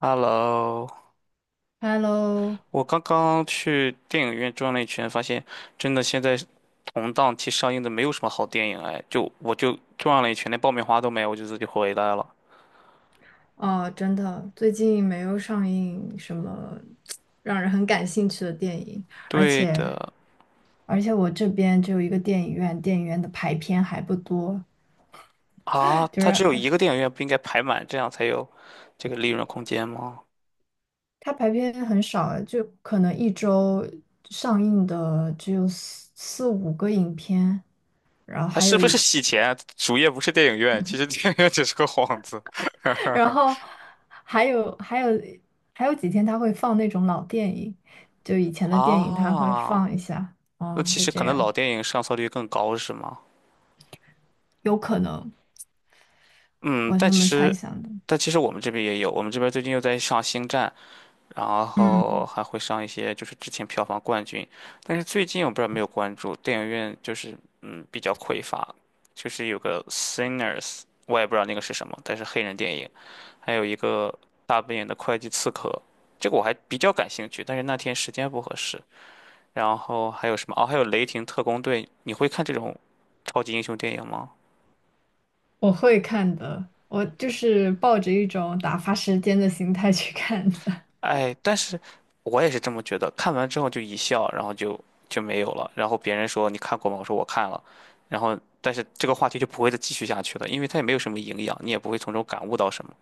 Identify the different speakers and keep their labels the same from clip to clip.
Speaker 1: Hello，
Speaker 2: Hello，
Speaker 1: 我刚刚去电影院转了一圈，发现真的现在同档期上映的没有什么好电影哎，我就转了一圈，连爆米花都没有，我就自己回来了。
Speaker 2: 哦，真的，最近没有上映什么让人很感兴趣的电影，而
Speaker 1: 对
Speaker 2: 且
Speaker 1: 的。
Speaker 2: 我这边只有一个电影院，电影院的排片还不多，
Speaker 1: 啊，
Speaker 2: 就
Speaker 1: 它
Speaker 2: 是
Speaker 1: 只有一个电影院，不应该排满，这样才有这个利润空间吗？
Speaker 2: 它排片很少啊，就可能一周上映的只有四五个影片，然后
Speaker 1: 它
Speaker 2: 还
Speaker 1: 是
Speaker 2: 有
Speaker 1: 不是
Speaker 2: 一，
Speaker 1: 洗钱？主页不是电影院，其实电影院只是个幌子。
Speaker 2: 然后 还有还有还有几天它会放那种老电影，就以前的电影它会放
Speaker 1: 啊，
Speaker 2: 一下，
Speaker 1: 那
Speaker 2: 嗯，
Speaker 1: 其
Speaker 2: 就
Speaker 1: 实
Speaker 2: 这
Speaker 1: 可能
Speaker 2: 样。
Speaker 1: 老电影上座率更高是吗？
Speaker 2: 有可能，
Speaker 1: 嗯，
Speaker 2: 我是
Speaker 1: 但
Speaker 2: 这
Speaker 1: 其
Speaker 2: 么猜
Speaker 1: 实，
Speaker 2: 想的。
Speaker 1: 但其实我们这边也有，我们这边最近又在上《星战》，然后
Speaker 2: 嗯，
Speaker 1: 还会上一些就是之前票房冠军。但是最近我不知道有没有关注，电影院就是比较匮乏，就是有个《Sinners》,我也不知道那个是什么，但是黑人电影，还有一个大本营的会计刺客，这个我还比较感兴趣，但是那天时间不合适。然后还有什么？哦，还有《雷霆特工队》，你会看这种超级英雄电影吗？
Speaker 2: 我会看的，我就是抱着一种打发时间的心态去看的。
Speaker 1: 哎，但是我也是这么觉得，看完之后就一笑，然后就没有了。然后别人说你看过吗？我说我看了，然后但是这个话题就不会再继续下去了，因为它也没有什么营养，你也不会从中感悟到什么。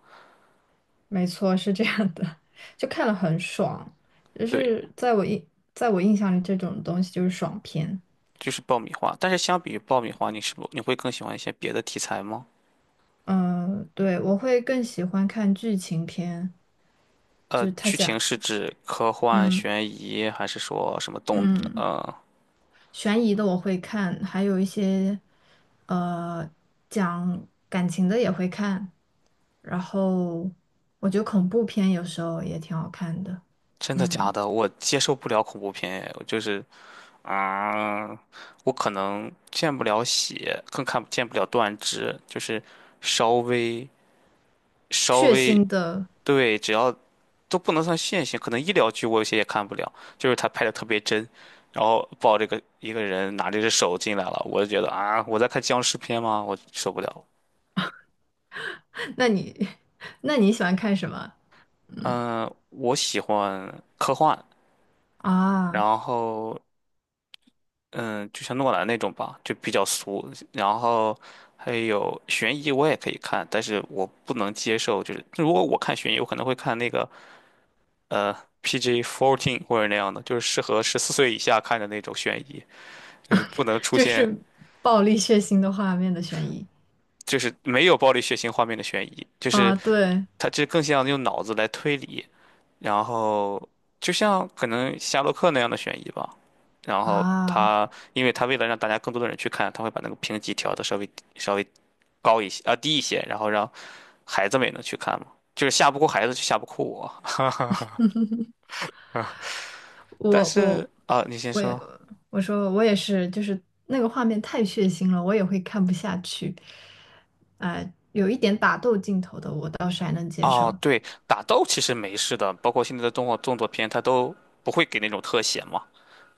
Speaker 2: 没错，是这样的，就看了很爽，就
Speaker 1: 对，
Speaker 2: 是在我印象里，这种东西就是爽片。
Speaker 1: 就是爆米花。但是相比于爆米花，你是不你会更喜欢一些别的题材吗？
Speaker 2: 嗯、对，我会更喜欢看剧情片，就
Speaker 1: 呃，
Speaker 2: 是他
Speaker 1: 剧情
Speaker 2: 讲，
Speaker 1: 是指科幻、
Speaker 2: 嗯
Speaker 1: 悬疑，还是说什么动？
Speaker 2: 嗯。
Speaker 1: 呃，
Speaker 2: 悬疑的我会看，还有一些呃讲感情的也会看，然后我觉得恐怖片有时候也挺好看的，
Speaker 1: 真的假
Speaker 2: 嗯，
Speaker 1: 的？我接受不了恐怖片，我就是啊，我可能见不了血，更看不了断肢，就是稍微稍
Speaker 2: 血
Speaker 1: 微
Speaker 2: 腥的，
Speaker 1: 对。只要都不能算现行，可能医疗剧我有些也看不了，就是他拍的特别真，然后抱这个一个人拿着只手进来了，我就觉得啊，我在看僵尸片吗？我受不了。
Speaker 2: 那你 那你喜欢看什么
Speaker 1: 嗯、我喜欢科幻，
Speaker 2: 啊？
Speaker 1: 然后嗯，就像诺兰那种吧，就比较俗。然后还有悬疑，我也可以看，但是我不能接受，就是如果我看悬疑，我可能会看那个呃 PG-14 或者那样的，就是适合14岁以下看的那种悬疑，就是不能出
Speaker 2: 就
Speaker 1: 现
Speaker 2: 是暴力血腥的画面的悬疑
Speaker 1: 就是没有暴力血腥画面的悬疑，就是
Speaker 2: 啊，对
Speaker 1: 它这更像用脑子来推理，然后就像可能夏洛克那样的悬疑吧。然后
Speaker 2: 啊。
Speaker 1: 他，因为他为了让大家更多的人去看，他会把那个评级调的稍微高一些，啊，低一些，然后让孩子们也能去看嘛，就是吓不哭孩子就吓不哭我。但
Speaker 2: 我我
Speaker 1: 是啊、你先
Speaker 2: 我也
Speaker 1: 说。
Speaker 2: 我说我也是，就是那个画面太血腥了，我也会看不下去。呃，有一点打斗镜头的，我倒是还能接
Speaker 1: 哦，
Speaker 2: 受。
Speaker 1: 对，打斗其实没事的，包括现在的动画动作片，它都不会给那种特写嘛，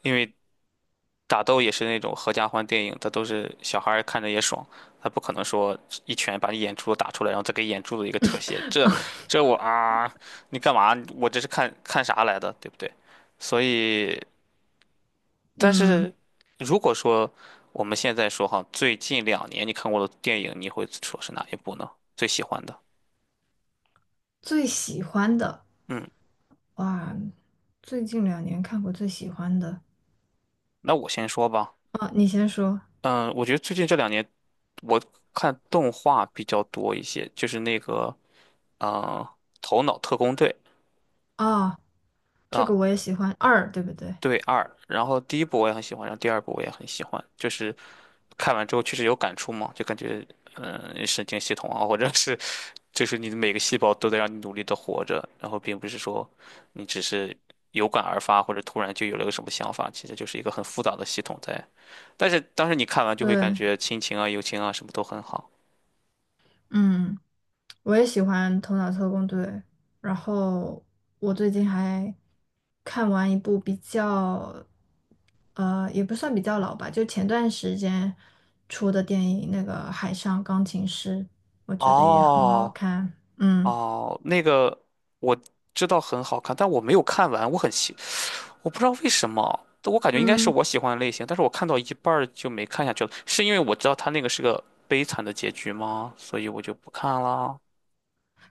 Speaker 1: 因为打斗也是那种合家欢电影，它都是小孩儿看着也爽，他不可能说一拳把你眼珠子打出来，然后再给眼珠子一个特写，这我啊，你干嘛？我这是看看啥来的，对不对？所以但
Speaker 2: 嗯，
Speaker 1: 是如果说我们现在说哈，最近两年你看过的电影，你会说是哪一部呢？最喜欢的？
Speaker 2: 最喜欢的
Speaker 1: 嗯，
Speaker 2: 哇，最近2年看过最喜欢的
Speaker 1: 那我先说吧。
Speaker 2: 啊，你先说
Speaker 1: 嗯，我觉得最近这2年我看动画比较多一些，就是那个嗯，头脑特工队》。
Speaker 2: 啊，这
Speaker 1: 啊，
Speaker 2: 个我也喜欢二，对不对？
Speaker 1: 对二，然后第一部我也很喜欢，然后第二部我也很喜欢，就是看完之后确实有感触嘛，就感觉神经系统啊，或者是就是你的每个细胞都在让你努力的活着，然后并不是说你只是有感而发或者突然就有了个什么想法，其实就是一个很复杂的系统在。但是当时你看完就会感
Speaker 2: 对，
Speaker 1: 觉亲情啊、友情啊什么都很好。
Speaker 2: 嗯。我也喜欢《头脑特工队》，然后我最近还看完一部比较，也不算比较老吧，就前段时间出的电影，那个《海上钢琴师》，我觉得也很好
Speaker 1: 哦。
Speaker 2: 看。嗯
Speaker 1: 哦，那个我知道很好看，但我没有看完，我很期。我不知道为什么，我感觉应该是
Speaker 2: 嗯，
Speaker 1: 我喜欢的类型，但是我看到一半儿就没看下去了，是因为我知道他那个是个悲惨的结局吗？所以我就不看了。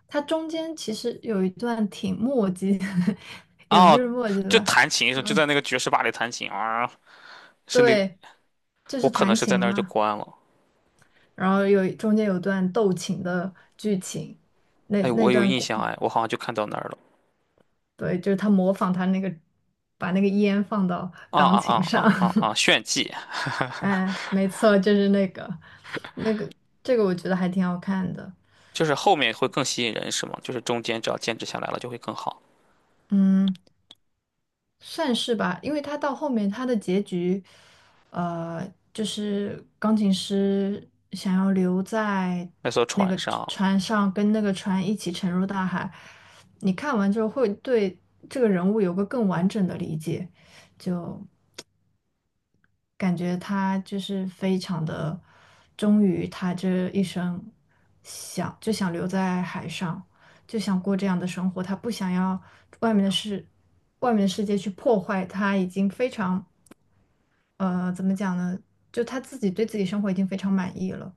Speaker 2: 它中间其实有一段挺墨迹的，也不是
Speaker 1: 哦，
Speaker 2: 墨迹
Speaker 1: 就
Speaker 2: 吧，
Speaker 1: 弹琴的时候，就
Speaker 2: 嗯，
Speaker 1: 在那个爵士吧里弹琴啊，是那，
Speaker 2: 对，就
Speaker 1: 我
Speaker 2: 是
Speaker 1: 可能
Speaker 2: 弹
Speaker 1: 是
Speaker 2: 琴
Speaker 1: 在那儿就
Speaker 2: 嘛，
Speaker 1: 关了。
Speaker 2: 然后中间有段斗琴的剧情。那
Speaker 1: 哎，
Speaker 2: 那
Speaker 1: 我有
Speaker 2: 段
Speaker 1: 印象，哎，我好像就看到那儿了。
Speaker 2: 对，就是他模仿他那个，把那个烟放到
Speaker 1: 啊
Speaker 2: 钢
Speaker 1: 啊
Speaker 2: 琴
Speaker 1: 啊
Speaker 2: 上，
Speaker 1: 啊啊啊！炫技
Speaker 2: 哎，没错，就是那个，那个，这个我觉得还挺好看的，
Speaker 1: 就是后面会更吸引人，是吗？就是中间只要坚持下来了，就会更好。
Speaker 2: 嗯，算是吧，因为他到后面他的结局，呃，就是钢琴师想要留在
Speaker 1: 那艘
Speaker 2: 那
Speaker 1: 船
Speaker 2: 个
Speaker 1: 上。
Speaker 2: 船上，跟那个船一起沉入大海，你看完之后会对这个人物有个更完整的理解，就感觉他就是非常的忠于他这一生想，就想留在海上，就想过这样的生活。他不想要外面的世，外面的世界去破坏他已经非常怎么讲呢？就他自己对自己生活已经非常满意了。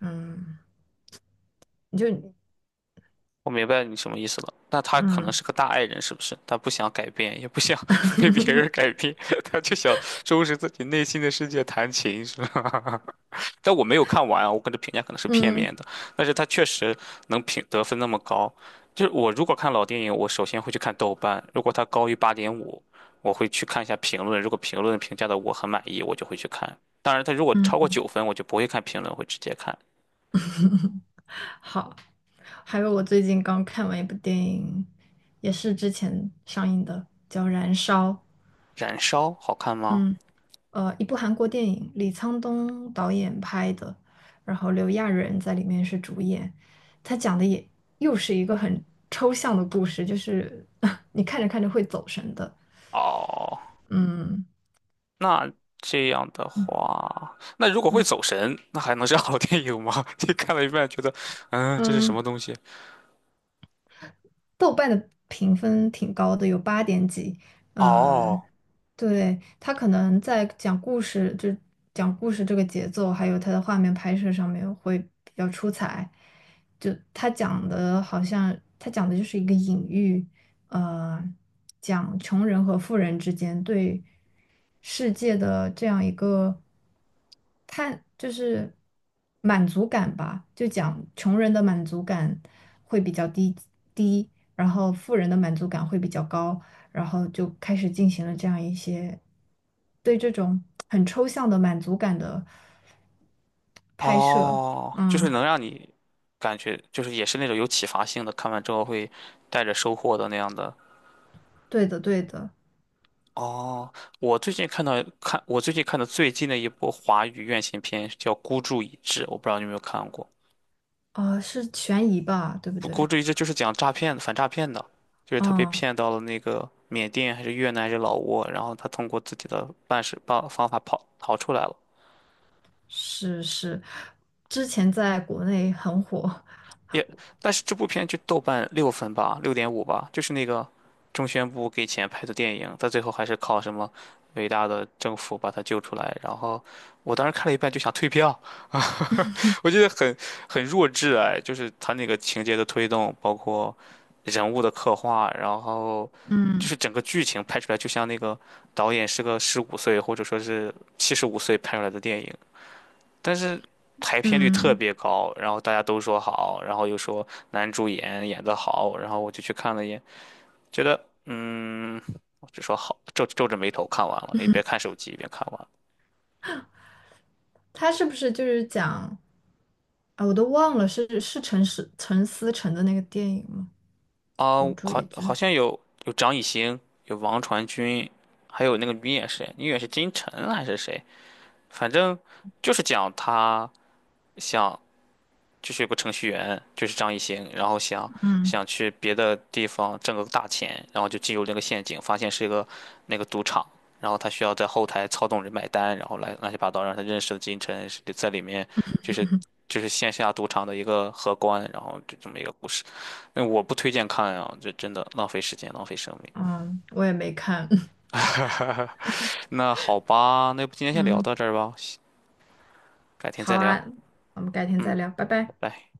Speaker 2: 嗯，你就
Speaker 1: 我明白你什么意思了。那他可能
Speaker 2: 嗯
Speaker 1: 是个大爱人，是不是？他不想改变，也不想 被别人改 变，他就想收拾自己内心的世界，弹琴，是吧？但我没有看完啊我给的评价可能是片
Speaker 2: 嗯
Speaker 1: 面的，但是他确实能评得分那么高。就是我如果看老电影，我首先会去看豆瓣，如果它高于8.5，我会去看一下评论。如果评论评价的我很满意，我就会去看。当然，它如果超过
Speaker 2: 嗯，
Speaker 1: 9分，我就不会看评论，会直接看。
Speaker 2: 好。还有我最近刚看完一部电影，也是之前上映的，叫《燃烧》。
Speaker 1: 燃烧好看吗？
Speaker 2: 嗯。一部韩国电影，李沧东导演拍的，然后刘亚仁在里面是主演。他讲的也又是一个很抽象的故事，就是 你看着看着会走神的。
Speaker 1: 哦。
Speaker 2: 嗯
Speaker 1: 那这样的
Speaker 2: 嗯
Speaker 1: 话，那如果会
Speaker 2: 嗯，
Speaker 1: 走神，那还能是好电影吗？你看了一半觉得，嗯，这是什么
Speaker 2: 嗯，
Speaker 1: 东西？
Speaker 2: 豆瓣的评分挺高的，有8点几。嗯、
Speaker 1: 哦。
Speaker 2: 对，他可能在讲故事，就是讲故事这个节奏，还有他的画面拍摄上面会比较出彩。就他讲的好像，他讲的就是一个隐喻，呃，讲穷人和富人之间对世界的这样一个看，就是满足感吧，就讲穷人的满足感会比较低，然后富人的满足感会比较高，然后就开始进行了这样一些对这种很抽象的满足感的拍摄。
Speaker 1: 哦，就
Speaker 2: 嗯，
Speaker 1: 是能让你感觉，就是也是那种有启发性的，看完之后会带着收获的那样的。
Speaker 2: 对的，对的，
Speaker 1: 哦，我最近看到看我最近看的最近的一部华语院线片叫《孤注一掷》，我不知道你有没有看过。
Speaker 2: 啊，是悬疑吧，对不
Speaker 1: 不，
Speaker 2: 对？
Speaker 1: 国际一这就是讲诈骗的，反诈骗的，就是他被
Speaker 2: 嗯，
Speaker 1: 骗到了那个缅甸还是越南还是老挝，然后他通过自己的办方法跑逃出来了。
Speaker 2: 是是，之前在国内很火。
Speaker 1: 也，但是这部片就豆瓣6分吧，6.5吧，就是那个中宣部给钱拍的电影，他最后还是靠什么伟大的政府把他救出来。然后我当时看了一半就想退票，我觉得很弱智哎，就是他那个情节的推动，包括人物的刻画，然后就
Speaker 2: 嗯
Speaker 1: 是整个剧情拍出来，就像那个导演是个十五岁或者说是75岁拍出来的电影，但是排片率特
Speaker 2: 嗯，
Speaker 1: 别高，然后大家都说好，然后又说男主演演得好，然后我就去看了一眼，觉得嗯，我只说好，皱皱着眉头看完了，一边看手机一边看完了。
Speaker 2: 他是不是就是讲啊？我都忘了是陈思诚的那个电影吗？
Speaker 1: 啊，
Speaker 2: 孤注
Speaker 1: 好，
Speaker 2: 一
Speaker 1: 好
Speaker 2: 掷。
Speaker 1: 像有张艺兴，有王传君，还有那个女演谁，女演员是金晨还是谁？反正就是讲他想就是有个程序员，就是张艺兴，然后想
Speaker 2: 嗯
Speaker 1: 想去别的地方挣个大钱，然后就进入那个陷阱，发现是一个那个赌场，然后他需要在后台操纵人买单，然后来乱七八糟，让他认识了金晨，是在里面就是就是线下赌场的一个荷官，然后就这么一个故事。那我不推荐看啊，这真的浪费时间，浪费生命。
Speaker 2: 嗯，我也没看。
Speaker 1: 那好吧，那要不今天 先聊
Speaker 2: 嗯。
Speaker 1: 到这儿吧，改天
Speaker 2: 好
Speaker 1: 再聊。
Speaker 2: 啊，我们改天再
Speaker 1: 嗯，
Speaker 2: 聊，拜
Speaker 1: 拜
Speaker 2: 拜。
Speaker 1: 拜。